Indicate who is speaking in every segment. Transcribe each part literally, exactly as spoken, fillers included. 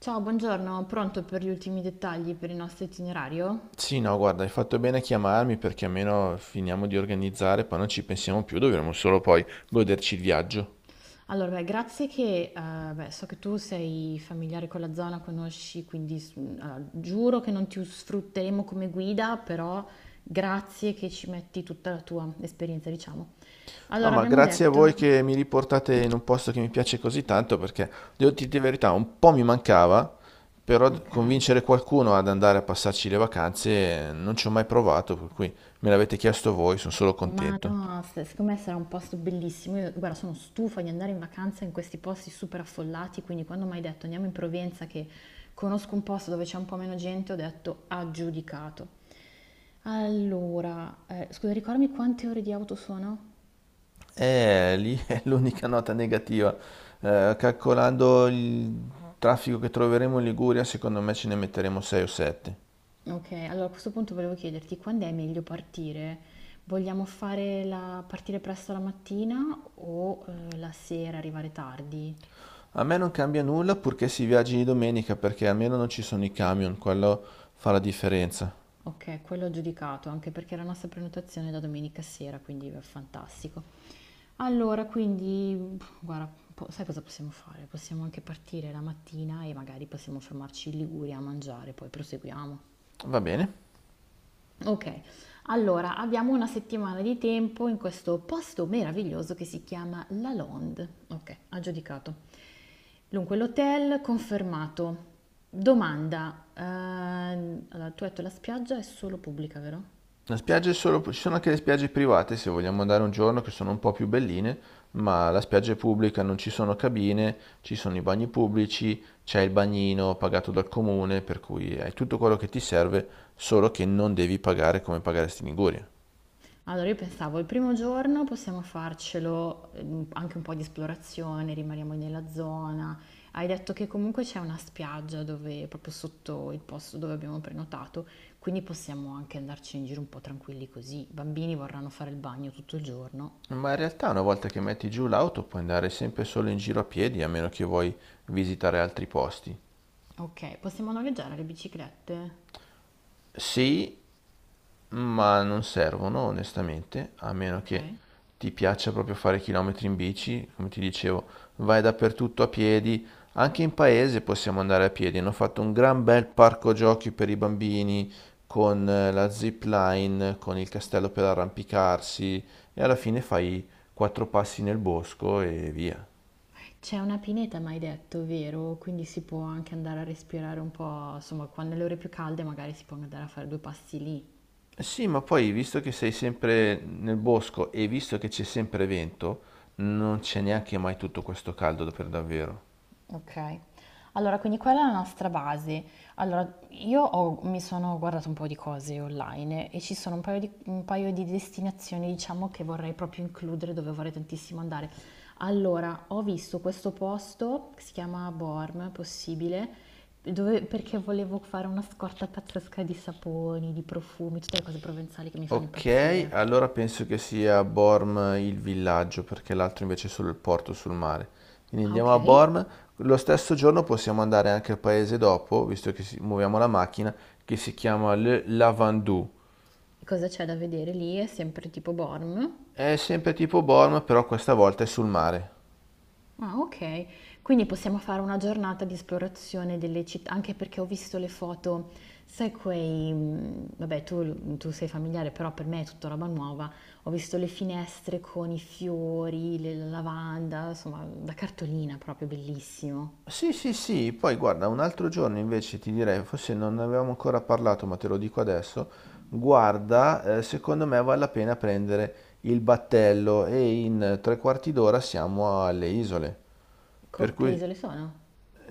Speaker 1: Ciao, buongiorno, pronto per gli ultimi dettagli per il nostro itinerario?
Speaker 2: Sì, no, guarda, hai fatto bene a chiamarmi perché almeno finiamo di organizzare, poi non ci pensiamo più, dovremo solo poi goderci il viaggio.
Speaker 1: Allora, beh, grazie che, eh, beh, so che tu sei familiare con la zona, conosci, quindi s- mm, allora, giuro che non ti sfrutteremo come guida, però grazie che ci metti tutta la tua esperienza, diciamo.
Speaker 2: No,
Speaker 1: Allora,
Speaker 2: ma
Speaker 1: abbiamo
Speaker 2: grazie a voi
Speaker 1: detto,
Speaker 2: che mi riportate in un posto che mi piace così tanto perché, devo dirti la verità, un po' mi mancava, però d-
Speaker 1: ok.
Speaker 2: convincere qualcuno ad andare a passarci le vacanze eh, non ci ho mai provato, per cui me l'avete chiesto voi, sono solo
Speaker 1: Ma
Speaker 2: contento.
Speaker 1: no, se- secondo me sarà un posto bellissimo. Io, guarda, sono stufa di andare in vacanza in questi posti super affollati, quindi quando mi hai detto andiamo in Provenza, che conosco un posto dove c'è un po' meno gente, ho detto aggiudicato. Allora, eh, scusa, ricordami quante ore di auto sono?
Speaker 2: Eh, lì è l'unica nota negativa. Eh, calcolando il traffico che troveremo in Liguria, secondo me ce ne metteremo sei o sette.
Speaker 1: Ok, allora a questo punto volevo chiederti quando è meglio partire? Vogliamo fare la- partire presto la mattina o eh, la sera, arrivare tardi?
Speaker 2: A me non cambia nulla purché si viaggi di domenica perché almeno non ci sono i camion, quello fa la differenza.
Speaker 1: Ok, quello ho giudicato, anche perché la nostra prenotazione è da domenica sera, quindi è fantastico. Allora, quindi, pff, guarda, po- sai cosa possiamo fare? Possiamo anche partire la mattina e magari possiamo fermarci in Liguria a mangiare, poi proseguiamo.
Speaker 2: Va bene.
Speaker 1: Ok, allora abbiamo una settimana di tempo in questo posto meraviglioso che si chiama La Londe. Ok, ha giudicato. Dunque, l'hotel confermato. Domanda, ehm, allora, tu hai detto la spiaggia è solo pubblica, vero?
Speaker 2: La spiaggia è solo... ci sono anche le spiagge private se vogliamo andare un giorno che sono un po' più belline, ma la spiaggia è pubblica, non ci sono cabine, ci sono i bagni pubblici, c'è il bagnino pagato dal comune, per cui hai tutto quello che ti serve, solo che non devi pagare come pagaresti in Liguria.
Speaker 1: Allora io pensavo il primo giorno possiamo farcelo, ehm, anche un po' di esplorazione, rimaniamo nella zona. Hai detto che comunque c'è una spiaggia dove, proprio sotto il posto dove abbiamo prenotato, quindi possiamo anche andarci in giro un po' tranquilli così. I bambini vorranno fare il bagno tutto il giorno.
Speaker 2: Ma in realtà una volta che metti giù l'auto puoi andare sempre solo in giro a piedi, a meno che vuoi visitare altri posti.
Speaker 1: Ok, possiamo noleggiare le biciclette?
Speaker 2: Sì, ma non servono, onestamente, a meno
Speaker 1: Ok.
Speaker 2: che ti piaccia proprio fare chilometri in bici. Come ti dicevo, vai dappertutto a piedi. Anche in paese possiamo andare a piedi. Hanno fatto un gran bel parco giochi per i bambini con eh, la zip line, con il castello per arrampicarsi e alla fine fai quattro passi nel bosco e via.
Speaker 1: C'è una pineta, mi hai detto, vero? Quindi si può anche andare a respirare un po', insomma, quando le ore più calde magari si può andare a fare due passi lì.
Speaker 2: Sì, ma poi visto che sei sempre nel bosco e visto che c'è sempre vento, non c'è neanche mai tutto questo caldo per davvero.
Speaker 1: Okay. Allora, quindi quella è la nostra base. Allora, io ho- mi sono guardato un po' di cose online e ci sono un paio di, un paio di destinazioni, diciamo, che vorrei proprio includere, dove vorrei tantissimo andare. Allora, ho visto questo posto, che si chiama Borm, possibile, dove- perché volevo fare una scorta pazzesca di saponi, di profumi, tutte le cose provenzali che mi fanno
Speaker 2: Ok,
Speaker 1: impazzire.
Speaker 2: allora penso che sia Borm il villaggio, perché l'altro invece è solo il porto sul mare. Quindi
Speaker 1: Ah,
Speaker 2: andiamo
Speaker 1: ok.
Speaker 2: a
Speaker 1: E
Speaker 2: Borm. Lo stesso giorno possiamo andare anche al paese dopo, visto che si- muoviamo la macchina, che si chiama Le Lavandou.
Speaker 1: cosa c'è da vedere lì? È sempre tipo Borm.
Speaker 2: È sempre tipo Borm, però questa volta è sul mare.
Speaker 1: Ah, okay. Quindi possiamo fare una giornata di esplorazione delle città, anche perché ho visto le foto, sai quei, mhmm, vabbè tu tu sei familiare, però per me è tutta roba nuova. Ho visto le finestre con i fiori, le la lavanda, insomma da cartolina proprio, bellissimo.
Speaker 2: Sì, sì, sì, poi guarda, un altro giorno invece ti direi, forse non ne avevamo ancora parlato, ma te lo dico adesso, guarda, eh, secondo me vale la pena prendere il battello e in tre quarti d'ora siamo alle isole. Per
Speaker 1: Co che
Speaker 2: cui
Speaker 1: isole sono?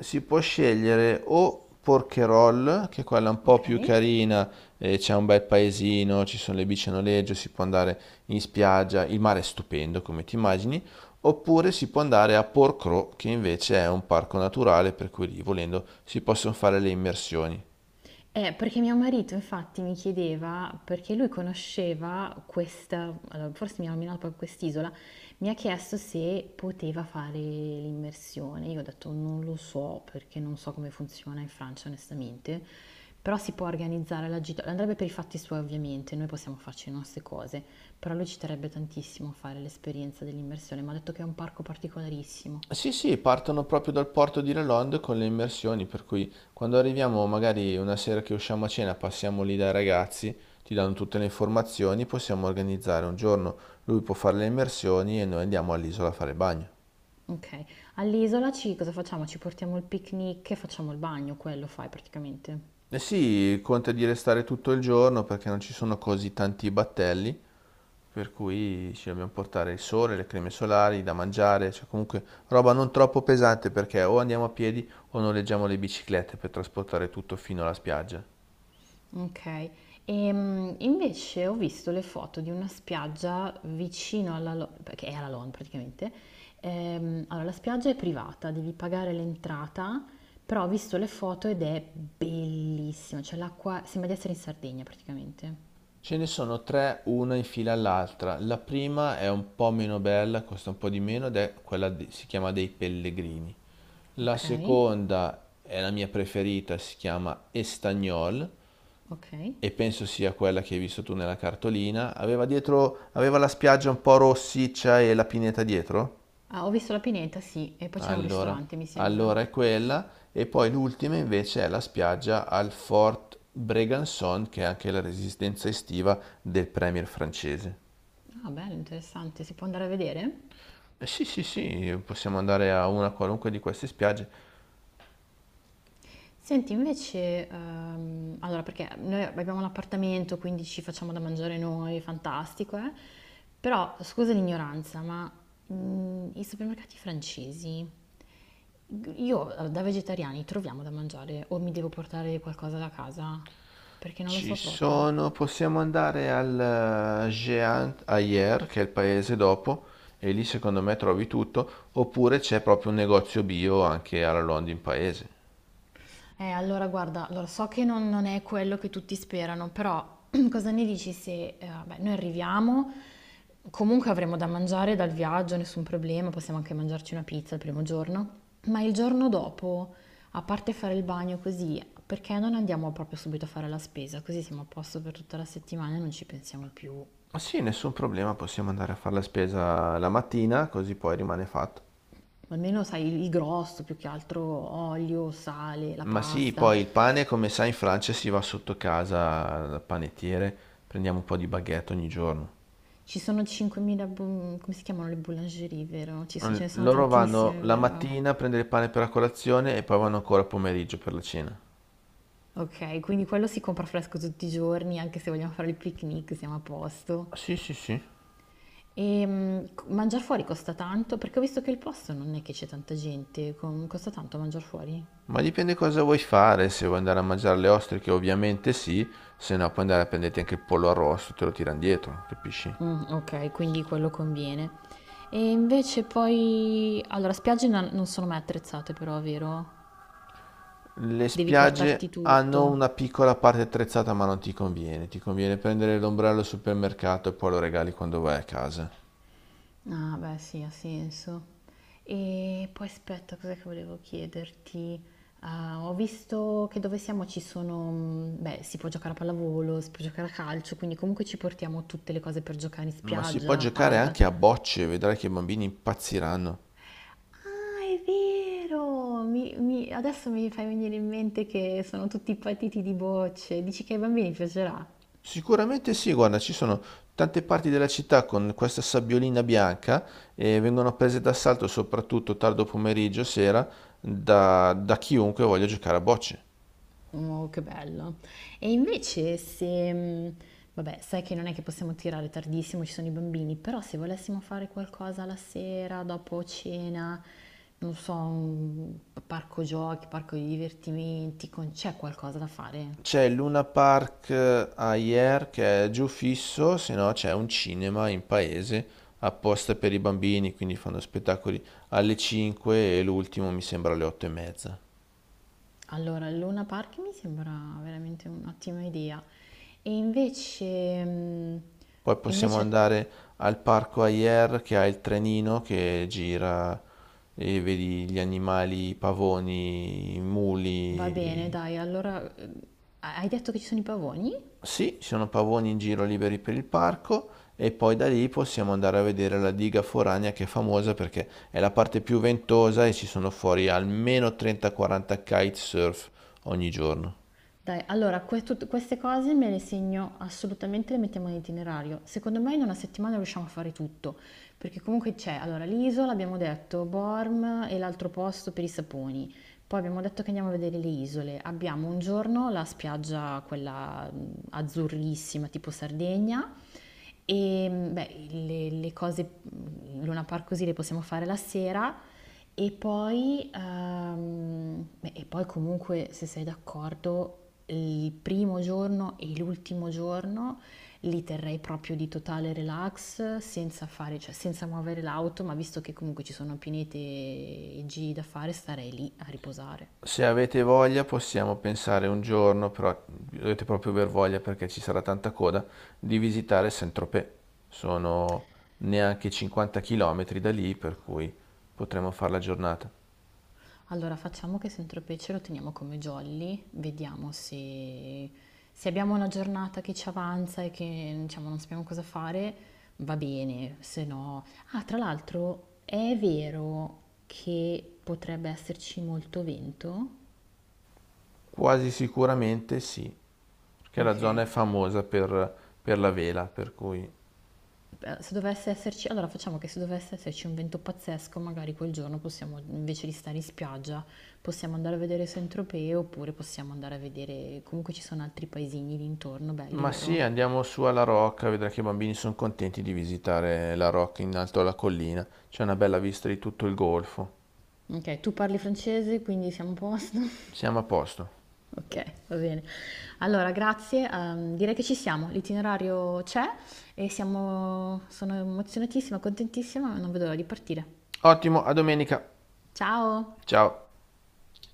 Speaker 2: si può scegliere o Porquerolles, che è quella un po' più
Speaker 1: Okay.
Speaker 2: carina, eh, c'è un bel paesino, ci sono le bici a noleggio, si può andare in spiaggia, il mare è stupendo come ti immagini, oppure si può andare a Porcro, che invece è un parco naturale per cui lì volendo si possono fare le immersioni.
Speaker 1: Eh, perché mio marito infatti mi chiedeva, perché lui conosceva questa, allora, forse mi ha nominato proprio quest'isola, mi ha chiesto se poteva fare l'immersione. Io ho detto non lo so perché non so come funziona in Francia onestamente, però si può organizzare la gita, andrebbe per i fatti suoi ovviamente, noi possiamo farci le nostre cose, però lui ci terrebbe tantissimo a fare l'esperienza dell'immersione, mi ha detto che è un parco particolarissimo.
Speaker 2: Sì, sì, partono proprio dal porto di Lelond con le immersioni, per cui quando arriviamo, magari una sera che usciamo a cena, passiamo lì dai ragazzi, ti danno tutte le informazioni, possiamo organizzare un giorno, lui può fare le immersioni e noi andiamo all'isola a fare bagno.
Speaker 1: Okay. All'isola ci cosa facciamo? Ci portiamo il picnic e facciamo il bagno, quello fai praticamente.
Speaker 2: E sì, conta di restare tutto il giorno perché non ci sono così tanti battelli, per cui ci dobbiamo portare il sole, le creme solari, da mangiare, cioè comunque roba non troppo pesante perché o andiamo a piedi o noleggiamo le biciclette per trasportare tutto fino alla spiaggia.
Speaker 1: Okay. Ehm, invece ho visto le foto di una spiaggia vicino alla Lo- che è alla Lon praticamente. Ehm, allora, la spiaggia è privata, devi pagare l'entrata, però ho visto le foto ed è bellissima, cioè l'acqua sembra di essere in Sardegna praticamente.
Speaker 2: Ce ne sono tre, una in fila all'altra. La prima è un po' meno bella, costa un po' di meno ed è quella, di- si chiama dei Pellegrini. La
Speaker 1: Ok,
Speaker 2: seconda è la mia preferita, si chiama Estagnol
Speaker 1: ok.
Speaker 2: e penso sia quella che hai visto tu nella cartolina. Aveva dietro, aveva la spiaggia un po' rossiccia e la pineta dietro?
Speaker 1: Ah, ho visto la pineta, sì, e poi c'era un
Speaker 2: Allora,
Speaker 1: ristorante, mi sembra.
Speaker 2: allora è quella. E poi l'ultima invece è la spiaggia al Fort Bregançon, che è anche la resistenza estiva del premier francese.
Speaker 1: Ah, bello, interessante, si può andare a vedere?
Speaker 2: Eh, Sì, sì, sì, possiamo andare a una qualunque di queste spiagge.
Speaker 1: Senti, invece, ehm, allora perché noi abbiamo un appartamento, quindi ci facciamo da mangiare noi, fantastico, eh? Però, scusa l'ignoranza, ma mm, i supermercati francesi, io eh, da vegetariani troviamo da mangiare o mi devo portare qualcosa da casa? Perché non lo
Speaker 2: Ci
Speaker 1: so proprio.
Speaker 2: sono, possiamo andare al eh, Jean Ayer, che è il paese dopo, e lì secondo me trovi tutto, oppure c'è proprio un negozio bio anche alla London Paese.
Speaker 1: Eh, allora guarda, allora, so che non, non è quello che tutti sperano, però cosa ne dici se eh, vabbè, noi arriviamo, comunque avremo da mangiare dal viaggio, nessun problema, possiamo anche mangiarci una pizza il primo giorno, ma il giorno dopo, a parte fare il bagno così, perché non andiamo proprio subito a fare la spesa? Così siamo a posto per tutta la settimana e non ci pensiamo più.
Speaker 2: Ma sì, nessun problema, possiamo andare a fare la spesa la mattina, così poi rimane fatto.
Speaker 1: Almeno sai il il grosso, più che altro olio, sale, la
Speaker 2: Ma sì,
Speaker 1: pasta.
Speaker 2: poi il pane, come sai, in Francia si va sotto casa dal panettiere, prendiamo un po' di baguette ogni giorno.
Speaker 1: Ci sono cinquemila, bu- come si chiamano le boulangerie, vero? Ci so-
Speaker 2: L-
Speaker 1: ce ne sono
Speaker 2: Loro vanno
Speaker 1: tantissime,
Speaker 2: la
Speaker 1: vero?
Speaker 2: mattina a prendere il pane per la colazione e poi vanno ancora a pomeriggio per la cena.
Speaker 1: Ok, quindi quello si compra fresco tutti i giorni, anche se vogliamo fare il picnic, siamo a posto.
Speaker 2: Sì, sì, sì.
Speaker 1: E mh, co- mangiare fuori costa tanto? Perché ho visto che il posto non è che c'è tanta gente, com- costa tanto mangiare fuori?
Speaker 2: Ma dipende cosa vuoi fare, se vuoi andare a mangiare le ostriche ovviamente sì, se no puoi andare a prenderti anche il pollo arrosto, te lo tirano dietro, capisci?
Speaker 1: Mm, ok, quindi quello conviene. E invece poi... Allora, spiagge non non sono mai attrezzate però, vero?
Speaker 2: Le
Speaker 1: Devi portarti
Speaker 2: spiagge hanno
Speaker 1: tutto.
Speaker 2: una piccola parte attrezzata ma non ti conviene, ti conviene prendere l'ombrello al supermercato e poi lo regali quando vai a casa.
Speaker 1: Ah, beh, sì, ha senso. E poi aspetta, cos'è che volevo chiederti? Ah, ho visto che dove siamo ci sono, mm, beh, si può giocare a pallavolo, si può giocare a calcio, quindi comunque ci portiamo tutte le cose per giocare in
Speaker 2: Ma si può
Speaker 1: spiaggia,
Speaker 2: giocare
Speaker 1: pale, pa-
Speaker 2: anche a bocce, vedrai che i bambini impazziranno.
Speaker 1: Ah, è vero! Mi- mi- adesso mi fai venire in mente che sono tutti patiti di bocce. Dici che ai bambini piacerà?
Speaker 2: Sicuramente sì, guarda, ci sono tante parti della città con questa sabbiolina bianca e vengono prese d'assalto soprattutto tardo pomeriggio, sera, da, da chiunque voglia giocare a bocce.
Speaker 1: Oh, che bello. E invece se, mh, vabbè, sai che non è che possiamo tirare tardissimo, ci sono i bambini, però se volessimo fare qualcosa la sera, dopo cena, non so, un parco giochi, parco di divertimenti, con- c'è qualcosa da fare?
Speaker 2: C'è il Luna Park Ayer che è giù fisso, se no c'è un cinema in paese apposta per i bambini, quindi fanno spettacoli alle cinque e l'ultimo mi sembra alle otto e mezza.
Speaker 1: Allora, il Luna Park mi sembra veramente un'ottima idea. E invece, mh,
Speaker 2: Poi possiamo
Speaker 1: invece
Speaker 2: andare al parco Ayer che ha il trenino che gira e vedi gli animali, i pavoni, i
Speaker 1: va bene,
Speaker 2: muli.
Speaker 1: dai, allora, eh, hai detto che ci sono i pavoni?
Speaker 2: Sì, ci sono pavoni in giro liberi per il parco e poi da lì possiamo andare a vedere la diga foranea che è famosa perché è la parte più ventosa e ci sono fuori almeno trenta quaranta kitesurf ogni giorno.
Speaker 1: Dai, allora, que- tut- queste cose me le segno assolutamente, le mettiamo in itinerario. Secondo me in una settimana riusciamo a fare tutto, perché comunque c'è, allora, l'isola, abbiamo detto, Borm e l'altro posto per i saponi. Poi abbiamo detto che andiamo a vedere le isole. Abbiamo un giorno la spiaggia, quella mh, azzurrissima, tipo Sardegna. E mh, beh, le, le cose, mh, Luna Park così le possiamo fare la sera. E poi, ehm, beh, e poi comunque, se sei d'accordo, il primo giorno e l'ultimo giorno li terrei proprio di totale relax, senza fare, cioè senza muovere l'auto, ma visto che comunque ci sono pinete e giri da fare, starei lì a riposare.
Speaker 2: Se avete voglia possiamo pensare un giorno, però dovete proprio aver voglia perché ci sarà tanta coda, di visitare Saint-Tropez. Sono neanche cinquanta chilometri da lì, per cui potremo fare la giornata.
Speaker 1: Allora facciamo che Saint-Tropez ce lo teniamo come jolly, vediamo se, se abbiamo una giornata che ci avanza e che diciamo, non sappiamo cosa fare, va bene, se no... Ah, tra l'altro è vero che potrebbe esserci molto vento?
Speaker 2: Quasi sicuramente sì, perché la
Speaker 1: Ok,
Speaker 2: zona è famosa per, per la vela, per cui...
Speaker 1: eh, se dovesse esserci, allora facciamo che se dovesse esserci un vento pazzesco, magari quel giorno possiamo, invece di stare in spiaggia, possiamo andare a vedere Saint-Tropez oppure possiamo andare a vedere, comunque ci sono altri paesini lì intorno, belli,
Speaker 2: Ma sì,
Speaker 1: vero?
Speaker 2: andiamo su alla Rocca, vedrai che i bambini sono contenti di visitare la Rocca in alto alla collina. C'è una bella vista di tutto il golfo.
Speaker 1: Ok, tu parli francese, quindi siamo a posto.
Speaker 2: Siamo a posto.
Speaker 1: Ok, va bene. Allora, grazie. Ehm, direi che ci siamo, l'itinerario c'è e siamo, sono emozionatissima, contentissima, non vedo l'ora di partire.
Speaker 2: Ottimo, a domenica.
Speaker 1: Ciao!
Speaker 2: Ciao.